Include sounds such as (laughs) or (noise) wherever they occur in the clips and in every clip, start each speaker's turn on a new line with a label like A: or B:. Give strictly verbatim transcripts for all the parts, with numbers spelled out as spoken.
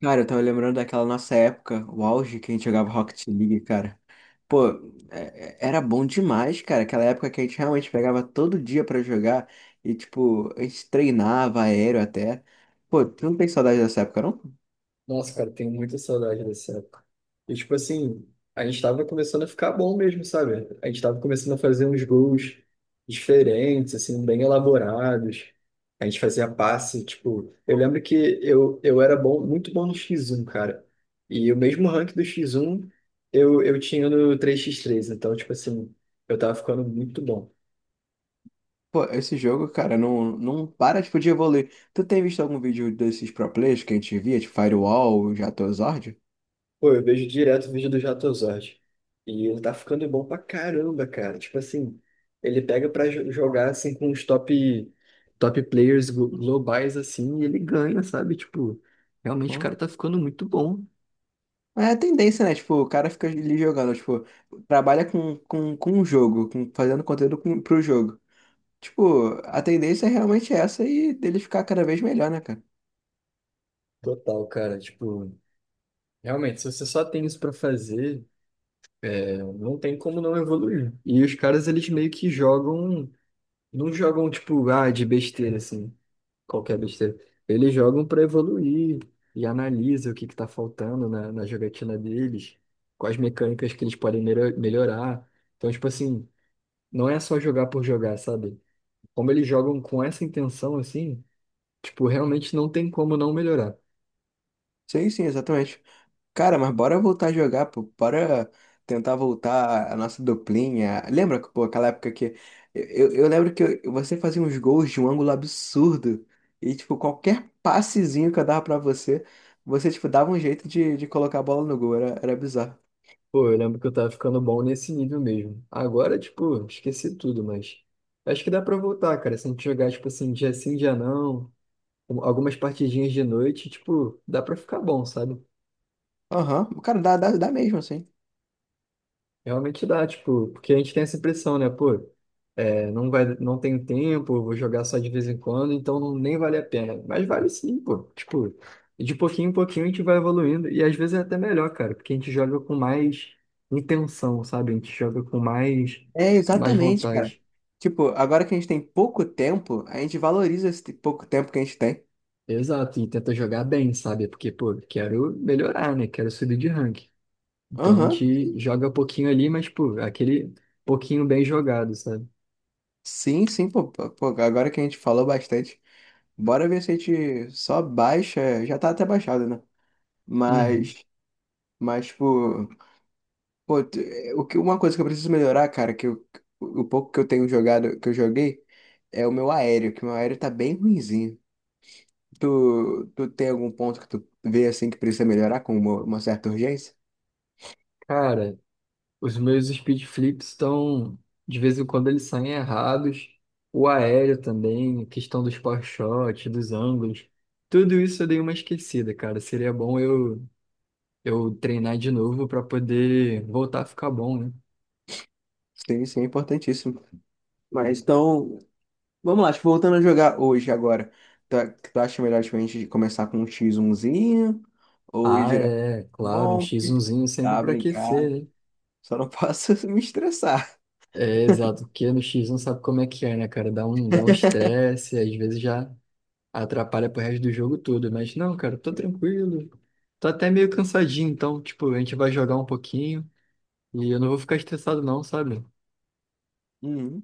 A: Cara, eu tava lembrando daquela nossa época, o auge que a gente jogava Rocket League, cara. Pô, é- é- era bom demais, cara. Aquela época que a gente realmente pegava todo dia pra jogar e, tipo, a gente treinava aéreo até. Pô, tu não tem saudade dessa época, não?
B: Nossa, cara, tenho muita saudade dessa época. E, tipo assim, a gente tava começando a ficar bom mesmo, sabe? A gente tava começando a fazer uns gols diferentes, assim, bem elaborados. A gente fazia passe, tipo, eu lembro que eu, eu era bom, muito bom no X um, cara. E o mesmo rank do X um eu, eu tinha no três por três. Então, tipo assim, eu tava ficando muito bom.
A: Pô, esse jogo, cara, não, não para, tipo, de evoluir. Tu tem visto algum vídeo desses pro players que a gente via, tipo Firewall, Jatozord?
B: Pô, eu vejo direto o vídeo do Jatozord. E ele tá ficando bom pra caramba, cara. Tipo assim, ele pega pra jo- jogar assim com os top, top players glo- globais assim e ele ganha, sabe? Tipo, realmente o
A: Pô,
B: cara tá ficando muito bom.
A: é a tendência, né? Tipo, o cara fica ali jogando, tipo, trabalha com, com, com um jogo, com, fazendo conteúdo com, pro jogo. Tipo, a tendência é realmente essa e dele ficar cada vez melhor, né, cara?
B: Total, cara. Tipo, realmente, se você só tem isso pra fazer, não tem como não evoluir. E os caras, eles meio que jogam. Não jogam, tipo, ah, de besteira, assim, qualquer besteira. Eles jogam pra evoluir e analisa o que que tá faltando na, na jogatina deles, quais mecânicas que eles podem melho- melhorar. Então, tipo assim, não é só jogar por jogar, sabe? Como eles jogam com essa intenção, assim, tipo, realmente não tem como não melhorar.
A: Sim, sim, exatamente. Cara, mas bora voltar a jogar, pô. Bora tentar voltar a nossa duplinha. Lembra, pô, aquela época que. Eu, eu lembro que eu- você fazia uns gols de um ângulo absurdo. E, tipo, qualquer passezinho que eu dava pra você, você, tipo, dava um jeito de, de colocar a bola no gol. Era, era bizarro.
B: Pô, eu lembro que eu tava ficando bom nesse nível mesmo. Agora, tipo, esqueci tudo, mas acho que dá pra voltar, cara. Se a gente jogar, tipo assim, dia sim, dia não, um- algumas partidinhas de noite, tipo, dá pra ficar bom, sabe?
A: Aham. Cara, dá, dá, dá mesmo, assim.
B: Realmente dá, tipo, porque a gente tem essa impressão, né? Pô, é, não vai, não tenho tempo, vou jogar só de vez em quando, então não, nem vale a pena. Mas vale sim, pô. Tipo, de pouquinho em pouquinho a gente vai evoluindo. E às vezes é até melhor, cara, porque a gente joga com mais intenção, sabe? A gente joga com mais,
A: É,
B: mais
A: exatamente, cara.
B: vontade.
A: Tipo, agora que a gente tem pouco tempo, a gente valoriza esse pouco tempo que a gente tem.
B: Exato, e tenta jogar bem, sabe? Porque, pô, quero melhorar, né? Quero subir de rank. Então a
A: Aham.
B: gente joga um pouquinho ali, mas, pô, aquele pouquinho bem jogado, sabe?
A: Sim, sim, pô, pô, pô, agora que a gente falou bastante, bora ver se a gente só baixa, já tá até baixado, né?
B: Uhum.
A: Mas, mas, tipo, pô, t- eh, o que, uma coisa que eu preciso melhorar, cara, que eu- o pouco que eu tenho jogado, que eu joguei, é o meu aéreo, que o meu aéreo tá bem ruinzinho. Tu, tu tem algum ponto que tu vê, assim, que precisa melhorar com uma, uma certa urgência?
B: Cara, os meus speed flips estão. De vez em quando eles saem errados. O aéreo também, a questão dos power shots, dos ângulos. Tudo isso eu dei uma esquecida, cara. Seria bom eu, eu treinar de novo pra poder voltar a ficar bom, né?
A: Sim, sim, é importantíssimo. Mas, então, vamos lá, tipo, voltando a jogar hoje, agora. Tu, tu acha melhor tipo, a gente começar com um xis um ou ir
B: Ah,
A: direto
B: é,
A: pro
B: claro, um
A: bom?
B: x um sempre
A: Tá,
B: pra aquecer,
A: brincado.
B: né?
A: Só não posso (laughs) me estressar.
B: É, exato, porque no X um sabe como é que é, né, cara? Dá um, dá um estresse, às vezes já. Atrapalha pro resto do jogo todo, mas não, cara, tô tranquilo. Tô até meio cansadinho, então, tipo, a gente vai jogar um pouquinho e eu não vou ficar estressado não, sabe?
A: Uhum.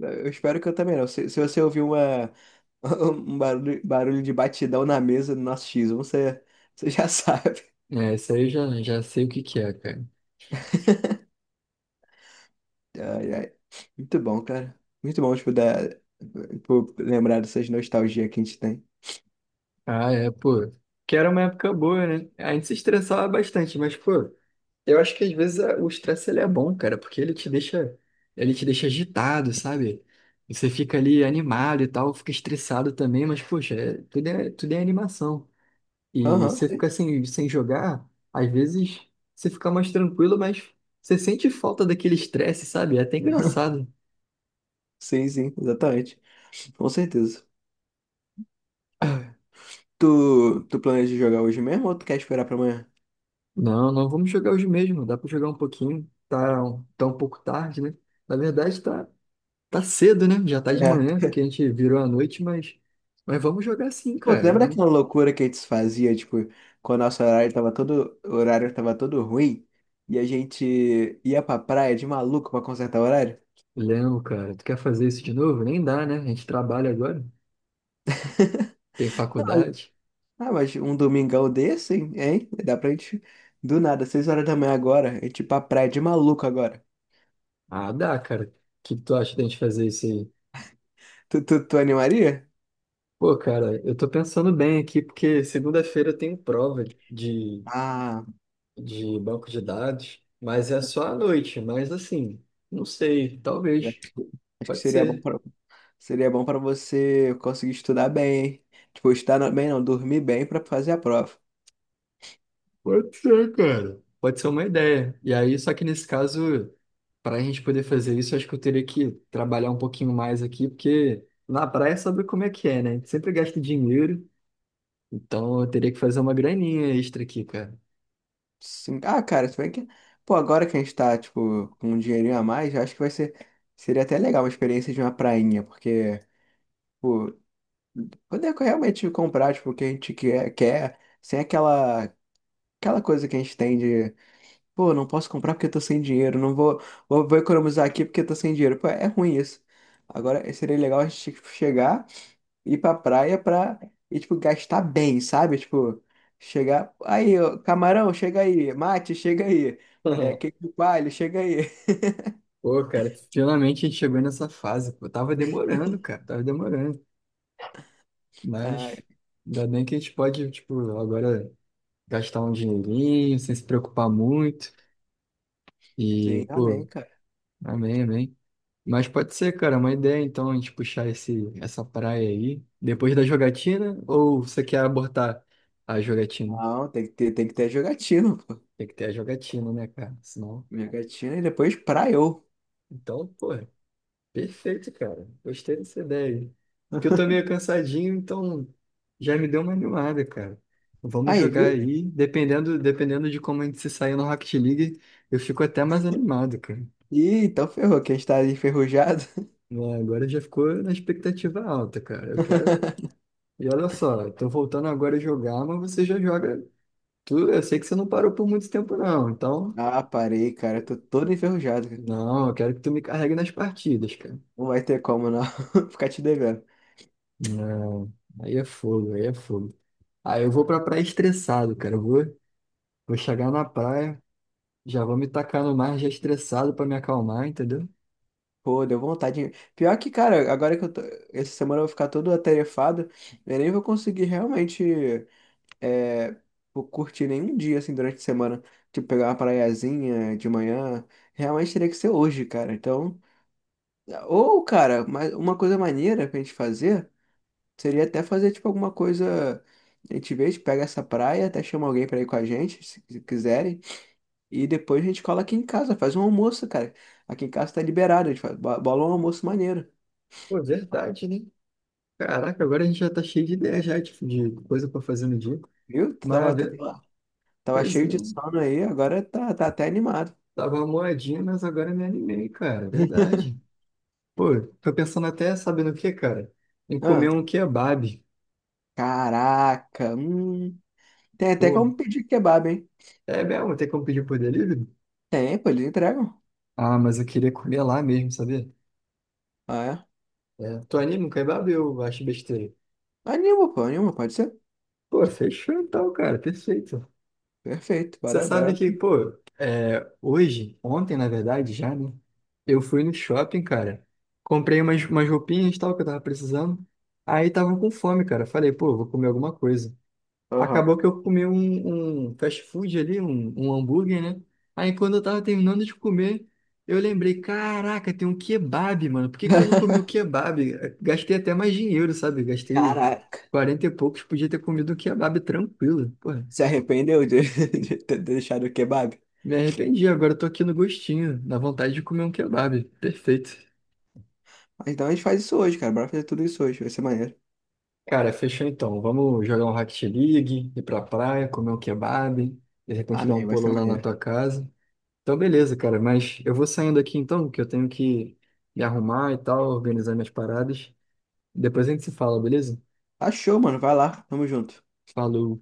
A: Eu espero que eu também não. Se, se você ouvir uma, (laughs) um barulho, barulho de batidão na mesa do nosso xis um você, você já (laughs) sabe.
B: É, isso aí eu já, já sei o que que é, cara.
A: Ai, ai. Muito bom, cara. Muito bom, tipo, da, por lembrar dessas nostalgias que a gente tem.
B: Ah, é, pô. Que era uma época boa, né? A gente se estressava bastante, mas, pô, eu acho que às vezes a- o estresse ele é bom, cara, porque ele te deixa, ele te deixa agitado, sabe? Você fica ali animado e tal, fica estressado também, mas, poxa, é- tudo é, tudo é animação. E
A: Aham,
B: você
A: sim,
B: fica sem, sem jogar, às vezes você fica mais tranquilo, mas você sente falta daquele estresse, sabe? É até engraçado.
A: sim, sim, exatamente. Com certeza. Tu, tu planeja jogar hoje mesmo ou tu quer esperar pra amanhã?
B: Não, não vamos jogar hoje mesmo, dá pra jogar um pouquinho. Tá, um- tá um pouco tarde, né? Na verdade, tá, tá cedo, né? Já tá de
A: É.
B: manhã, que a gente virou à noite, mas, mas vamos jogar sim,
A: Pô, tu
B: cara.
A: lembra
B: Vamos.
A: daquela loucura que a gente fazia, tipo, quando o nosso horário tava todo, o horário tava todo ruim e a gente ia pra praia de maluco pra consertar o horário?
B: Léo, cara, tu quer fazer isso de novo? Nem dá, né? A gente trabalha agora, tem faculdade.
A: Ah, mas um domingão desse, hein? Hein? Dá pra gente, do nada, seis horas da manhã agora, a gente ir pra praia de maluco agora.
B: Ah, dá, cara. O que que tu acha da gente fazer isso aí?
A: Tu, tu, tu animaria?
B: Pô, cara, eu tô pensando bem aqui, porque segunda-feira eu tenho prova de,
A: Ah,
B: de banco de dados, mas é só à noite, mas assim, não sei, talvez,
A: acho que acho que
B: pode
A: seria bom
B: ser.
A: pra, seria bom pra você conseguir estudar bem, hein? Tipo, estudar bem não, dormir bem pra fazer a prova.
B: Pode ser, cara. Pode ser uma ideia. E aí, só que nesse caso, para a gente poder fazer isso, acho que eu teria que trabalhar um pouquinho mais aqui, porque na praia sabe como é que é, né? A gente sempre gasta dinheiro, então eu teria que fazer uma graninha extra aqui, cara.
A: Sim. Ah, cara, se bem que. Pô, agora que a gente tá, tipo, com um dinheirinho a mais, eu acho que vai ser. Seria até legal uma experiência de uma prainha, porque, pô, poder realmente comprar, tipo, o que a gente quer, quer, sem aquela, aquela, coisa que a gente tem de, pô, não posso comprar porque eu tô sem dinheiro, não vou, vou, vou economizar aqui porque eu tô sem dinheiro. Pô, é ruim isso. Agora, seria legal a gente tipo, chegar ir pra praia pra, e, tipo, gastar bem, sabe? Tipo, chegar. Aí, ó, camarão, chega aí. Mate, chega aí. É,
B: (laughs)
A: queijo de coalho, chega aí. (laughs)
B: Pô, cara, finalmente a gente chegou nessa fase. Pô, tava demorando, cara, tava demorando.
A: Ah,
B: Mas ainda bem que a gente pode, tipo, agora gastar um dinheirinho sem se preocupar muito. E,
A: sim, amém,
B: pô,
A: cara.
B: amém, amém. Mas pode ser, cara, uma ideia então a gente puxar esse, essa praia aí depois da jogatina? Ou você quer abortar a jogatina?
A: Não, tem que ter, tem que ter jogatina, pô.
B: Tem que ter a jogatina, né, cara? Senão.
A: Jogatina e depois praiou.
B: Então, pô. Perfeito, cara. Gostei dessa ideia. Que eu tô meio
A: (laughs)
B: cansadinho, então já me deu uma animada, cara. Vamos
A: Aí,
B: jogar
A: viu?
B: aí. Dependendo, dependendo de como a gente se sair no Rocket League, eu fico até mais animado, cara.
A: Ih, então ferrou, que a gente tá enferrujado.
B: Né, agora já ficou na expectativa alta, cara. Eu quero.
A: (laughs)
B: E olha só, tô voltando agora a jogar, mas você já joga. Tu, eu sei que você não parou por muito tempo, não. Então,
A: Ah, parei, cara. Eu tô todo enferrujado, cara.
B: não, eu quero que tu me carregue nas partidas, cara.
A: Não vai ter como, não. (laughs) Ficar te devendo.
B: Não, aí é fogo, aí é fogo. Aí eu vou pra praia estressado, cara. Eu vou. Vou chegar na praia, já vou me tacar no mar já estressado pra me acalmar, entendeu?
A: Pô, deu vontade. De- pior que, cara, agora que eu tô... Essa semana eu vou ficar todo atarefado, eu nem vou conseguir realmente é, vou curtir nenhum dia, assim, durante a semana. Tipo, pegar uma praiazinha de manhã. Realmente teria que ser hoje, cara. Então... Ou, cara, mas uma coisa maneira pra gente fazer seria até fazer, tipo, alguma coisa... A gente vê, a gente pega essa praia, até chama alguém pra ir com a gente, se se quiserem. E depois a gente cola aqui em casa, faz um almoço, cara. Aqui em casa tá liberado, a gente faz- bo- bola um almoço maneiro.
B: Pô, verdade, né? Caraca, agora a gente já tá cheio de ideia já, tipo, de coisa pra fazer no dia.
A: Viu? Tu tava,
B: Mas,
A: tu
B: ve-
A: tem- tava
B: pois é,
A: cheio de sono aí, agora tá, tá até animado.
B: tava moadinha, mas agora me animei, cara, verdade. Pô, tô pensando até, sabe no que, cara? Em
A: Ah,
B: comer um kebab.
A: caraca, hum. Tem até
B: Pô,
A: como pedir kebab, hein?
B: é mesmo, tem como pedir por delivery?
A: Tem, pô, eles entregam.
B: Ah, mas eu queria comer lá mesmo, sabia?
A: Ah, é.
B: É, tu anima um kebab ou eu acho besteira?
A: Anima, pô, anima, pode ser.
B: Pô, fechou então, cara, perfeito.
A: Perfeito,
B: Você
A: bora,
B: sabe
A: bora.
B: que, pô, É, hoje, ontem, na verdade, já, né? Eu fui no shopping, cara. Comprei umas, umas roupinhas e tal que eu tava precisando. Aí tava com fome, cara. Falei, pô, vou comer alguma coisa.
A: Aham.
B: Acabou que eu comi um, um fast food ali, um, um hambúrguer, né? Aí quando eu tava terminando de comer, eu lembrei, caraca, tem um kebab, mano. Por que que eu não comi o
A: (laughs)
B: kebab? Gastei até mais dinheiro, sabe? Gastei
A: Caraca,
B: quarenta e poucos, podia ter comido o kebab tranquilo. Pô,
A: se arrependeu de, (laughs) de ter deixado o kebab?
B: me arrependi, agora eu tô aqui no gostinho, na vontade de comer um kebab. Perfeito.
A: Mas então a gente faz isso hoje, cara. Bora fazer tudo isso hoje, vai ser maneiro.
B: Cara, fechou então. Vamos jogar um Rocket League, ir pra praia, comer um kebab, de repente dar um
A: Amém, vai
B: pulo
A: ser
B: lá na
A: maneiro.
B: tua casa. Então, beleza, cara, mas eu vou saindo aqui então, que eu tenho que me arrumar e tal, organizar minhas paradas. Depois a gente se fala, beleza?
A: Achou, mano, vai lá, tamo junto.
B: Falou.